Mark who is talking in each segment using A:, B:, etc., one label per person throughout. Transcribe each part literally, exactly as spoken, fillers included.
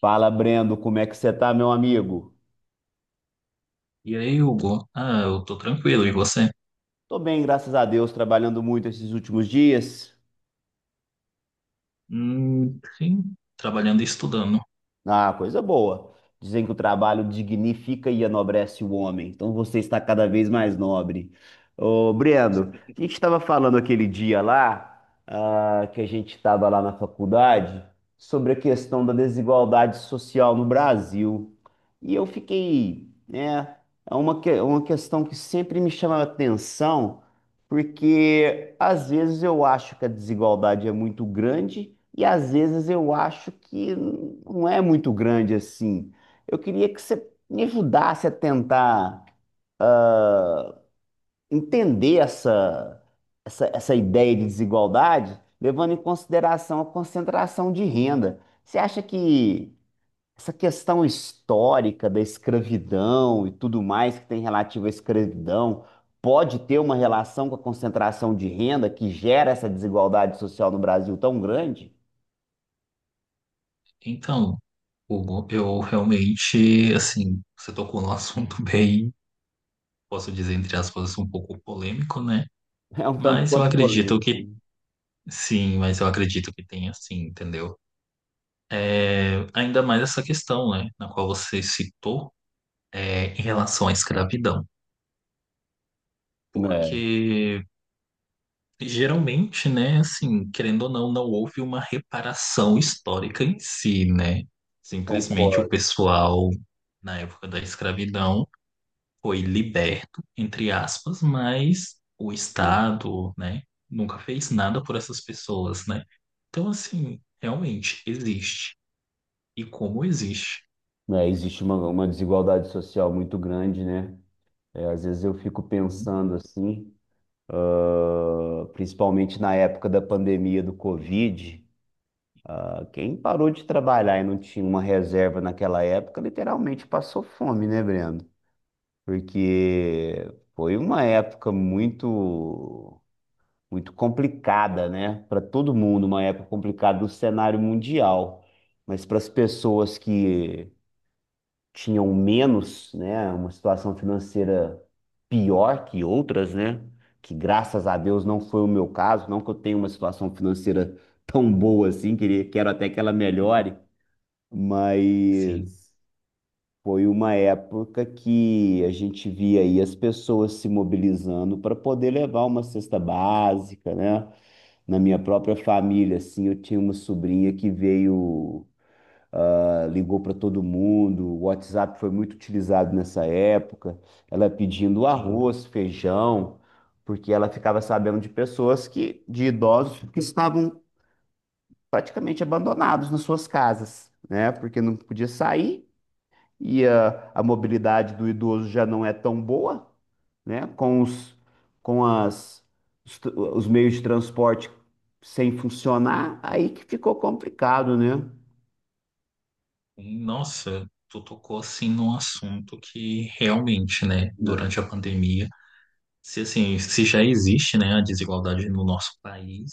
A: Fala, Brendo, como é que você tá, meu amigo?
B: E aí, Hugo? Ah, eu tô tranquilo. E você?
A: Tô bem, graças a Deus, trabalhando muito esses últimos dias.
B: Hum, sim, trabalhando e estudando.
A: Ah, coisa boa. Dizem que o trabalho dignifica e enobrece o homem. Então você está cada vez mais nobre. Ô, Brendo, a gente estava falando aquele dia lá, ah, que a gente estava lá na faculdade, sobre a questão da desigualdade social no Brasil. E eu fiquei, né, é uma, que- uma questão que sempre me chama a atenção, porque às vezes eu acho que a desigualdade é muito grande. E às vezes eu acho que não é muito grande assim. Eu queria que você me ajudasse a tentar entender essa, essa, essa ideia de desigualdade, levando em consideração a concentração de renda. Você acha que essa questão histórica da escravidão e tudo mais que tem relativo à escravidão pode ter uma relação com a concentração de renda que gera essa desigualdade social no Brasil tão grande?
B: Então, Hugo, eu realmente, assim, você tocou num assunto bem, posso dizer, entre aspas, um pouco polêmico, né?
A: É um tanto
B: Mas eu
A: quanto
B: acredito que,
A: polêmico.
B: sim, mas eu acredito que tem, assim, entendeu? É, ainda mais essa questão, né, na qual você citou, é, em relação à escravidão.
A: É,
B: Porque geralmente, né, assim, querendo ou não, não houve uma reparação histórica em si, né? Simplesmente o
A: concordo,
B: pessoal, na época da escravidão, foi liberto, entre aspas, mas o
A: né?
B: Estado, né, nunca fez nada por essas pessoas, né? Então, assim, realmente existe. E como existe.
A: É, existe uma, uma desigualdade social muito grande, né? É, às vezes eu fico
B: Sim,
A: pensando assim, ah, principalmente na época da pandemia do Covid, ah, quem parou de trabalhar e não tinha uma reserva naquela época, literalmente passou fome, né, Breno? Porque foi uma época muito, muito complicada, né? Para todo mundo, uma época complicada do cenário mundial. Mas para as pessoas que tinham menos, né, uma situação financeira pior que outras, né? Que graças a Deus não foi o meu caso, não que eu tenha uma situação financeira tão boa assim, queria, quero até que ela melhore,
B: sim,
A: mas foi uma época que a gente via aí as pessoas se mobilizando para poder levar uma cesta básica, né? Na minha própria família, assim, eu tinha uma sobrinha que veio ligou para todo mundo, o WhatsApp foi muito utilizado nessa época, ela pedindo
B: sim.
A: arroz, feijão, porque ela ficava sabendo de pessoas que, de idosos que estavam praticamente abandonados nas suas casas, né? Porque não podia sair e a, a mobilidade do idoso já não é tão boa, né? Com os, com as, os, tr- os meios de transporte sem funcionar, aí que ficou complicado, né?
B: Nossa, tu tocou, assim, num assunto que realmente, né, durante a pandemia. Se assim, se já existe, né, a desigualdade no nosso país,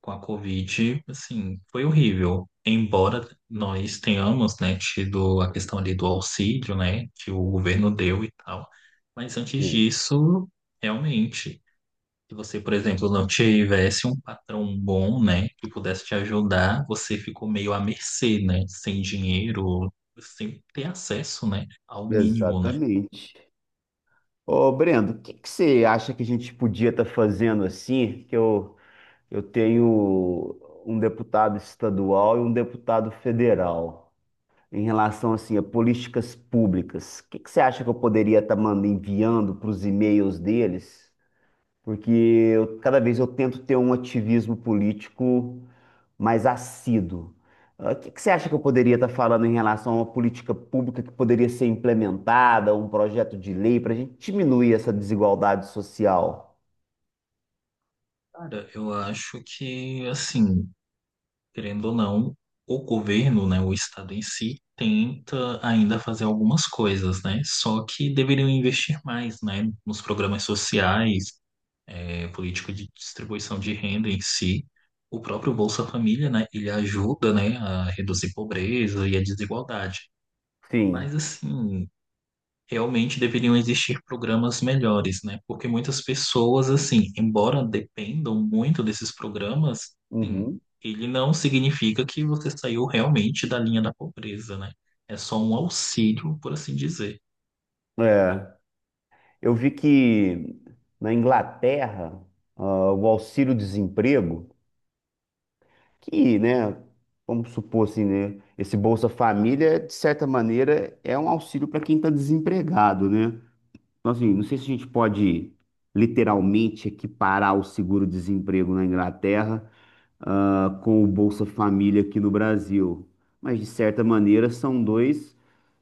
B: com a Covid, assim, foi horrível. Embora nós tenhamos, né, tido a questão ali do auxílio, né, que o governo deu e tal, mas antes
A: É.
B: disso, realmente, se você, por exemplo, não tivesse um patrão bom, né, que pudesse te ajudar, você ficou meio à mercê, né, sem dinheiro, sem ter acesso, né, ao mínimo, né.
A: Exatamente. Ô, Brendo, o que que você acha que a gente podia estar fazendo assim? Que eu, eu tenho um deputado estadual e um deputado federal em relação assim a políticas públicas. O que que você acha que eu poderia estar mandando enviando para os e-mails deles? Porque eu- cada vez eu tento ter um ativismo político mais assíduo. Ah, O que que você acha que eu poderia estar falando em relação a uma política pública que poderia ser implementada, um projeto de lei para a gente diminuir essa desigualdade social?
B: Cara, eu acho que, assim, querendo ou não, o governo, né, o Estado em si, tenta ainda fazer algumas coisas, né? Só que deveriam investir mais, né, nos programas sociais, eh, política de distribuição de renda em si. O próprio Bolsa Família, né, ele ajuda, né, a reduzir pobreza e a desigualdade.
A: Sim.
B: Mas assim, realmente deveriam existir programas melhores, né? Porque muitas pessoas, assim, embora dependam muito desses programas, sim,
A: Uhum.
B: ele não significa que você saiu realmente da linha da pobreza, né? É só um auxílio, por assim dizer.
A: É. Eu vi que na Inglaterra, ah, o auxílio-desemprego, que, né, vamos supor assim, né, esse Bolsa Família, de certa maneira, é um auxílio para quem está desempregado, né? Então, assim, não sei se a gente pode literalmente equiparar o seguro-desemprego na Inglaterra, ah, com o Bolsa Família aqui no Brasil, mas de certa maneira são dois,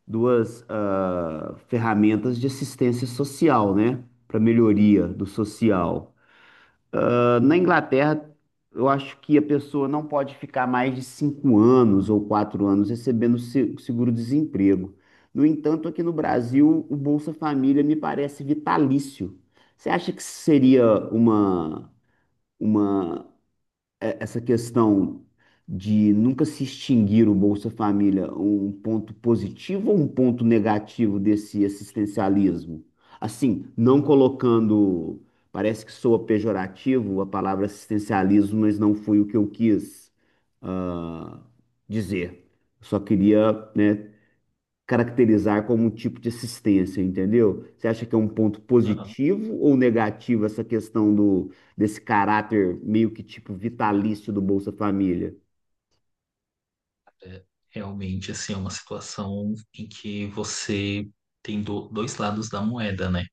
A: duas, ah, ferramentas de assistência social, né? Para melhoria do social. Na Inglaterra, eu acho que a pessoa não pode ficar mais de cinco anos ou quatro anos recebendo se- seguro-desemprego. No entanto, aqui no Brasil, o Bolsa Família me parece vitalício. Você acha que seria uma, uma é, essa questão de nunca se extinguir o Bolsa Família, um ponto positivo ou um ponto negativo desse assistencialismo? Assim, não colocando, parece que soa pejorativo a palavra assistencialismo, mas não foi o que eu quis, ah, dizer. Só queria, né, caracterizar como um tipo de assistência, entendeu? Você acha que é um ponto
B: Aham.
A: positivo ou negativo essa questão do desse caráter meio que tipo vitalício do Bolsa Família?
B: Realmente, assim, é uma situação em que você tem do- dois lados da moeda, né?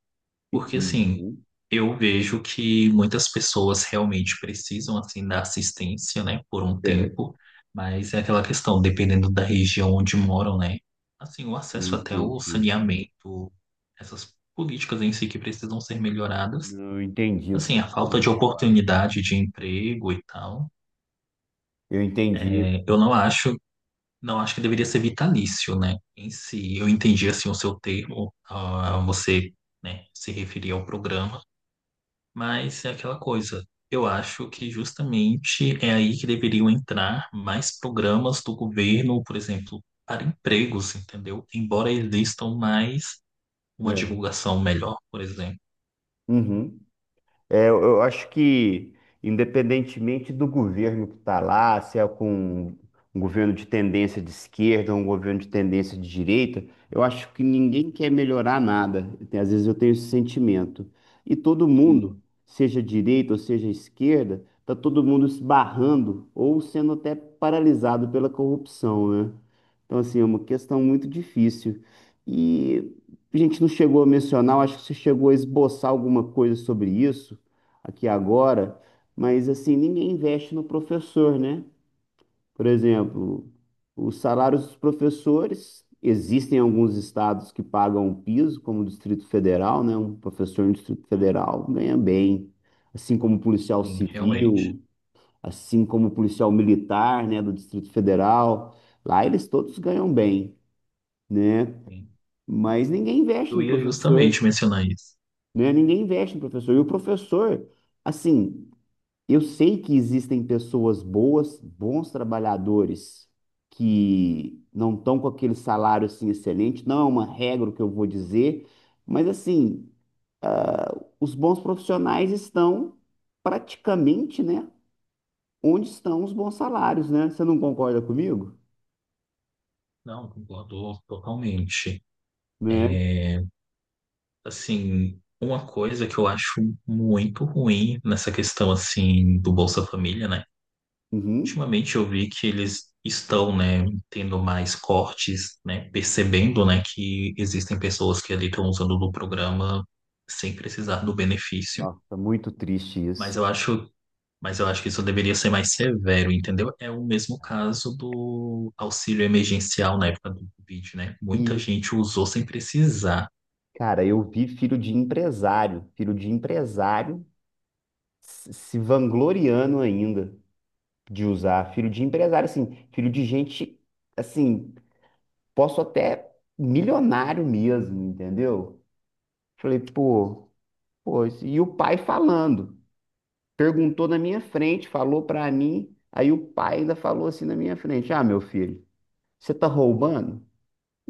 B: Porque assim,
A: Uhum,
B: eu vejo que muitas pessoas realmente precisam assim da assistência, né, por um
A: certo,
B: tempo, mas é aquela questão, dependendo da região onde moram, né? Assim, o acesso até o
A: entendi.
B: saneamento, essas políticas em si que precisam ser melhoradas.
A: Não, eu entendi o que você
B: Assim, a
A: está
B: falta
A: querendo
B: de
A: falar.
B: oportunidade de emprego e tal.
A: Eu entendi.
B: É, eu não acho, não acho que deveria ser vitalício, né? Em si, eu entendi assim o seu termo, ah, você, né, se referir ao programa. Mas é aquela coisa. Eu acho que justamente é aí que deveriam entrar mais programas do governo, por exemplo, para empregos, entendeu? Embora existam mais, uma
A: É.
B: divulgação melhor, por exemplo.
A: Uhum. É, eu eu acho que, independentemente do governo que está lá, se é com um governo de tendência de esquerda ou um governo de tendência de direita, eu acho que ninguém quer melhorar nada. Tem- Às vezes eu tenho esse sentimento. E todo mundo,
B: Sim,
A: seja direita ou seja esquerda, está todo mundo se barrando ou sendo até paralisado pela corrupção, né? Então, assim, é uma questão muito difícil. E a gente não chegou a mencionar, eu acho que você chegou a esboçar alguma coisa sobre isso aqui agora, mas assim, ninguém investe no professor, né? Por exemplo, os salários dos professores, existem alguns estados que pagam um piso, como o Distrito Federal, né? Um professor no Distrito Federal ganha bem, assim como o policial
B: sim, realmente.
A: civil, assim como o policial militar, né, do Distrito Federal. Lá eles todos ganham bem, né?
B: Sim. E
A: Mas ninguém investe
B: eu
A: no
B: ia justamente
A: professor,
B: mencionar isso.
A: né? Ninguém investe no professor. E o professor, assim, eu sei que existem pessoas boas, bons trabalhadores que não estão com aquele salário assim excelente, não é uma regra o que eu vou dizer, mas assim, ah, os bons profissionais estão praticamente, né, onde estão os bons salários, né? Você não concorda comigo?
B: Não, concordo totalmente.
A: Né?
B: É, assim, uma coisa que eu acho muito ruim nessa questão, assim, do Bolsa Família, né?
A: Uhum.
B: Ultimamente eu vi que eles estão, né, tendo mais cortes, né, percebendo, né, que existem pessoas que ali estão usando do programa sem precisar do benefício.
A: Nossa, muito triste isso.
B: Mas eu acho, mas eu acho que isso deveria ser mais severo, entendeu? É o mesmo caso do auxílio emergencial na época do Covid, né? Muita
A: Isso.
B: gente usou sem precisar.
A: Cara, eu vi filho de empresário, filho de empresário se se vangloriando ainda, de usar. Filho de empresário, assim, filho de gente, assim, posso até milionário mesmo, entendeu? Falei, pô, pô, isso- e o pai falando, perguntou na minha frente, falou pra mim, aí o pai ainda falou assim na minha frente: Ah, meu filho, você tá roubando?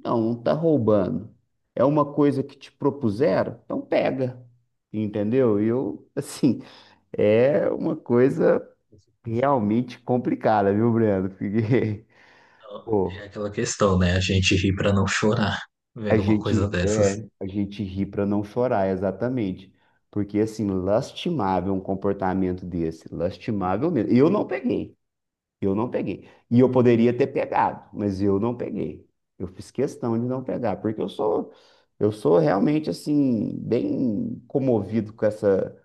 A: Não, não tá roubando. É uma coisa que te propuseram? Então pega. Entendeu? E eu, assim, é uma coisa realmente complicada, viu, Breno? Porque
B: Então, é aquela questão, né? A gente ri para não chorar
A: A
B: vendo uma coisa
A: gente
B: dessas.
A: é, a gente ri para não chorar, exatamente. Porque assim, lastimável um comportamento desse, lastimável mesmo. E eu não peguei, eu não peguei. E eu poderia ter pegado, mas eu não peguei. Eu fiz questão de não pegar, porque eu sou eu sou realmente assim bem comovido com essa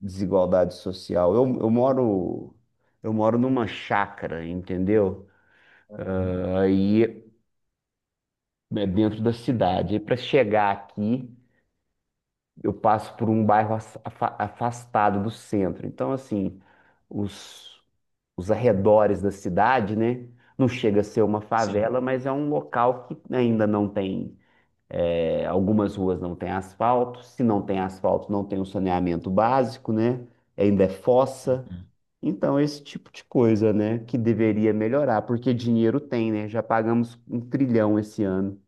A: desigualdade social. Eu, eu moro eu moro numa chácara, entendeu?
B: Então,
A: Aí é dentro da cidade. E para chegar aqui eu passo por um bairro as- afa- afastado do centro. Então, assim, os, os arredores da cidade, né? Não chega a ser uma
B: sim.
A: favela, mas é um local que ainda não tem. é, algumas ruas não têm asfalto. Se não tem asfalto, não tem o saneamento básico, né? Ainda é fossa.
B: Uhum.
A: Então, esse tipo de coisa, né, que deveria melhorar, porque dinheiro tem, né? Já pagamos um trilhão esse ano.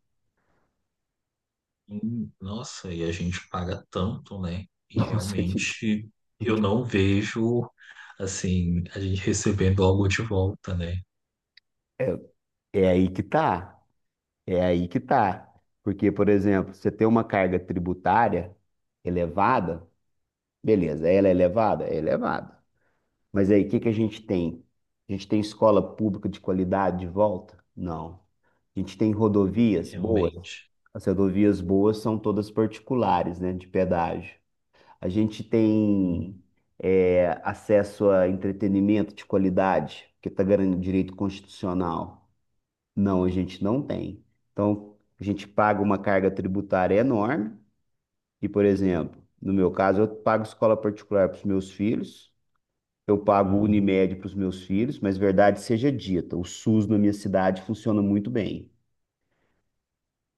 B: Hum, nossa, e a gente paga tanto, né? E
A: Nossa, gente,
B: realmente eu não vejo assim a gente recebendo algo de volta, né?
A: é, é aí que tá. É aí que tá. Porque, por exemplo, você tem uma carga tributária elevada, beleza, ela é elevada? É elevada. Mas aí, o que que a gente tem? A gente tem escola pública de qualidade de volta? Não. A gente tem rodovias boas?
B: Realmente.
A: As rodovias boas são todas particulares, né, de pedágio. A gente tem
B: Hum,
A: é, acesso a entretenimento de qualidade, que está garantindo direito constitucional. Não, a gente não tem. Então, a gente paga uma carga tributária enorme. E, por exemplo, no meu caso, eu pago escola particular para os meus filhos, eu pago
B: uhum.
A: Unimed para os meus filhos, mas verdade seja dita, o SUS na minha cidade funciona muito bem.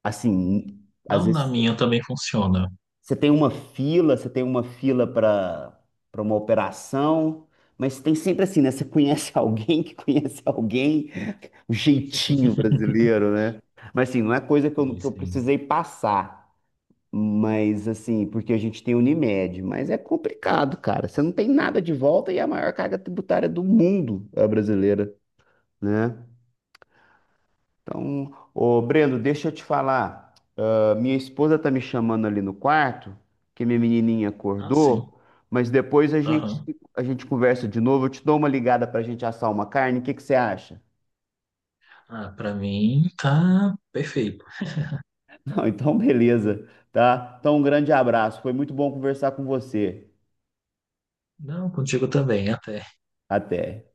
A: Assim, às
B: Não, na
A: vezes
B: minha também funciona.
A: Você tem uma fila, você tem uma fila para para uma operação, mas tem sempre assim, né? Você conhece alguém que conhece alguém, o jeitinho brasileiro, né? Mas assim, não é coisa que eu,
B: Sim,
A: que eu
B: sim.
A: precisei passar, mas assim, porque a gente tem Unimed, mas é complicado, cara. Você não tem nada de volta e é a maior carga tributária do mundo é a brasileira, né? Então, ô Brendo, deixa eu te falar. A minha esposa tá me chamando ali no quarto, que minha menininha
B: Ah, sim.
A: acordou, mas depois a gente
B: Aham.
A: a gente conversa de novo. Eu te dou uma ligada pra gente assar uma carne. O que que você acha?
B: Ah, para mim tá perfeito.
A: Não, então beleza, tá? Então um grande abraço. Foi muito bom conversar com você.
B: Não, contigo também, até.
A: Até.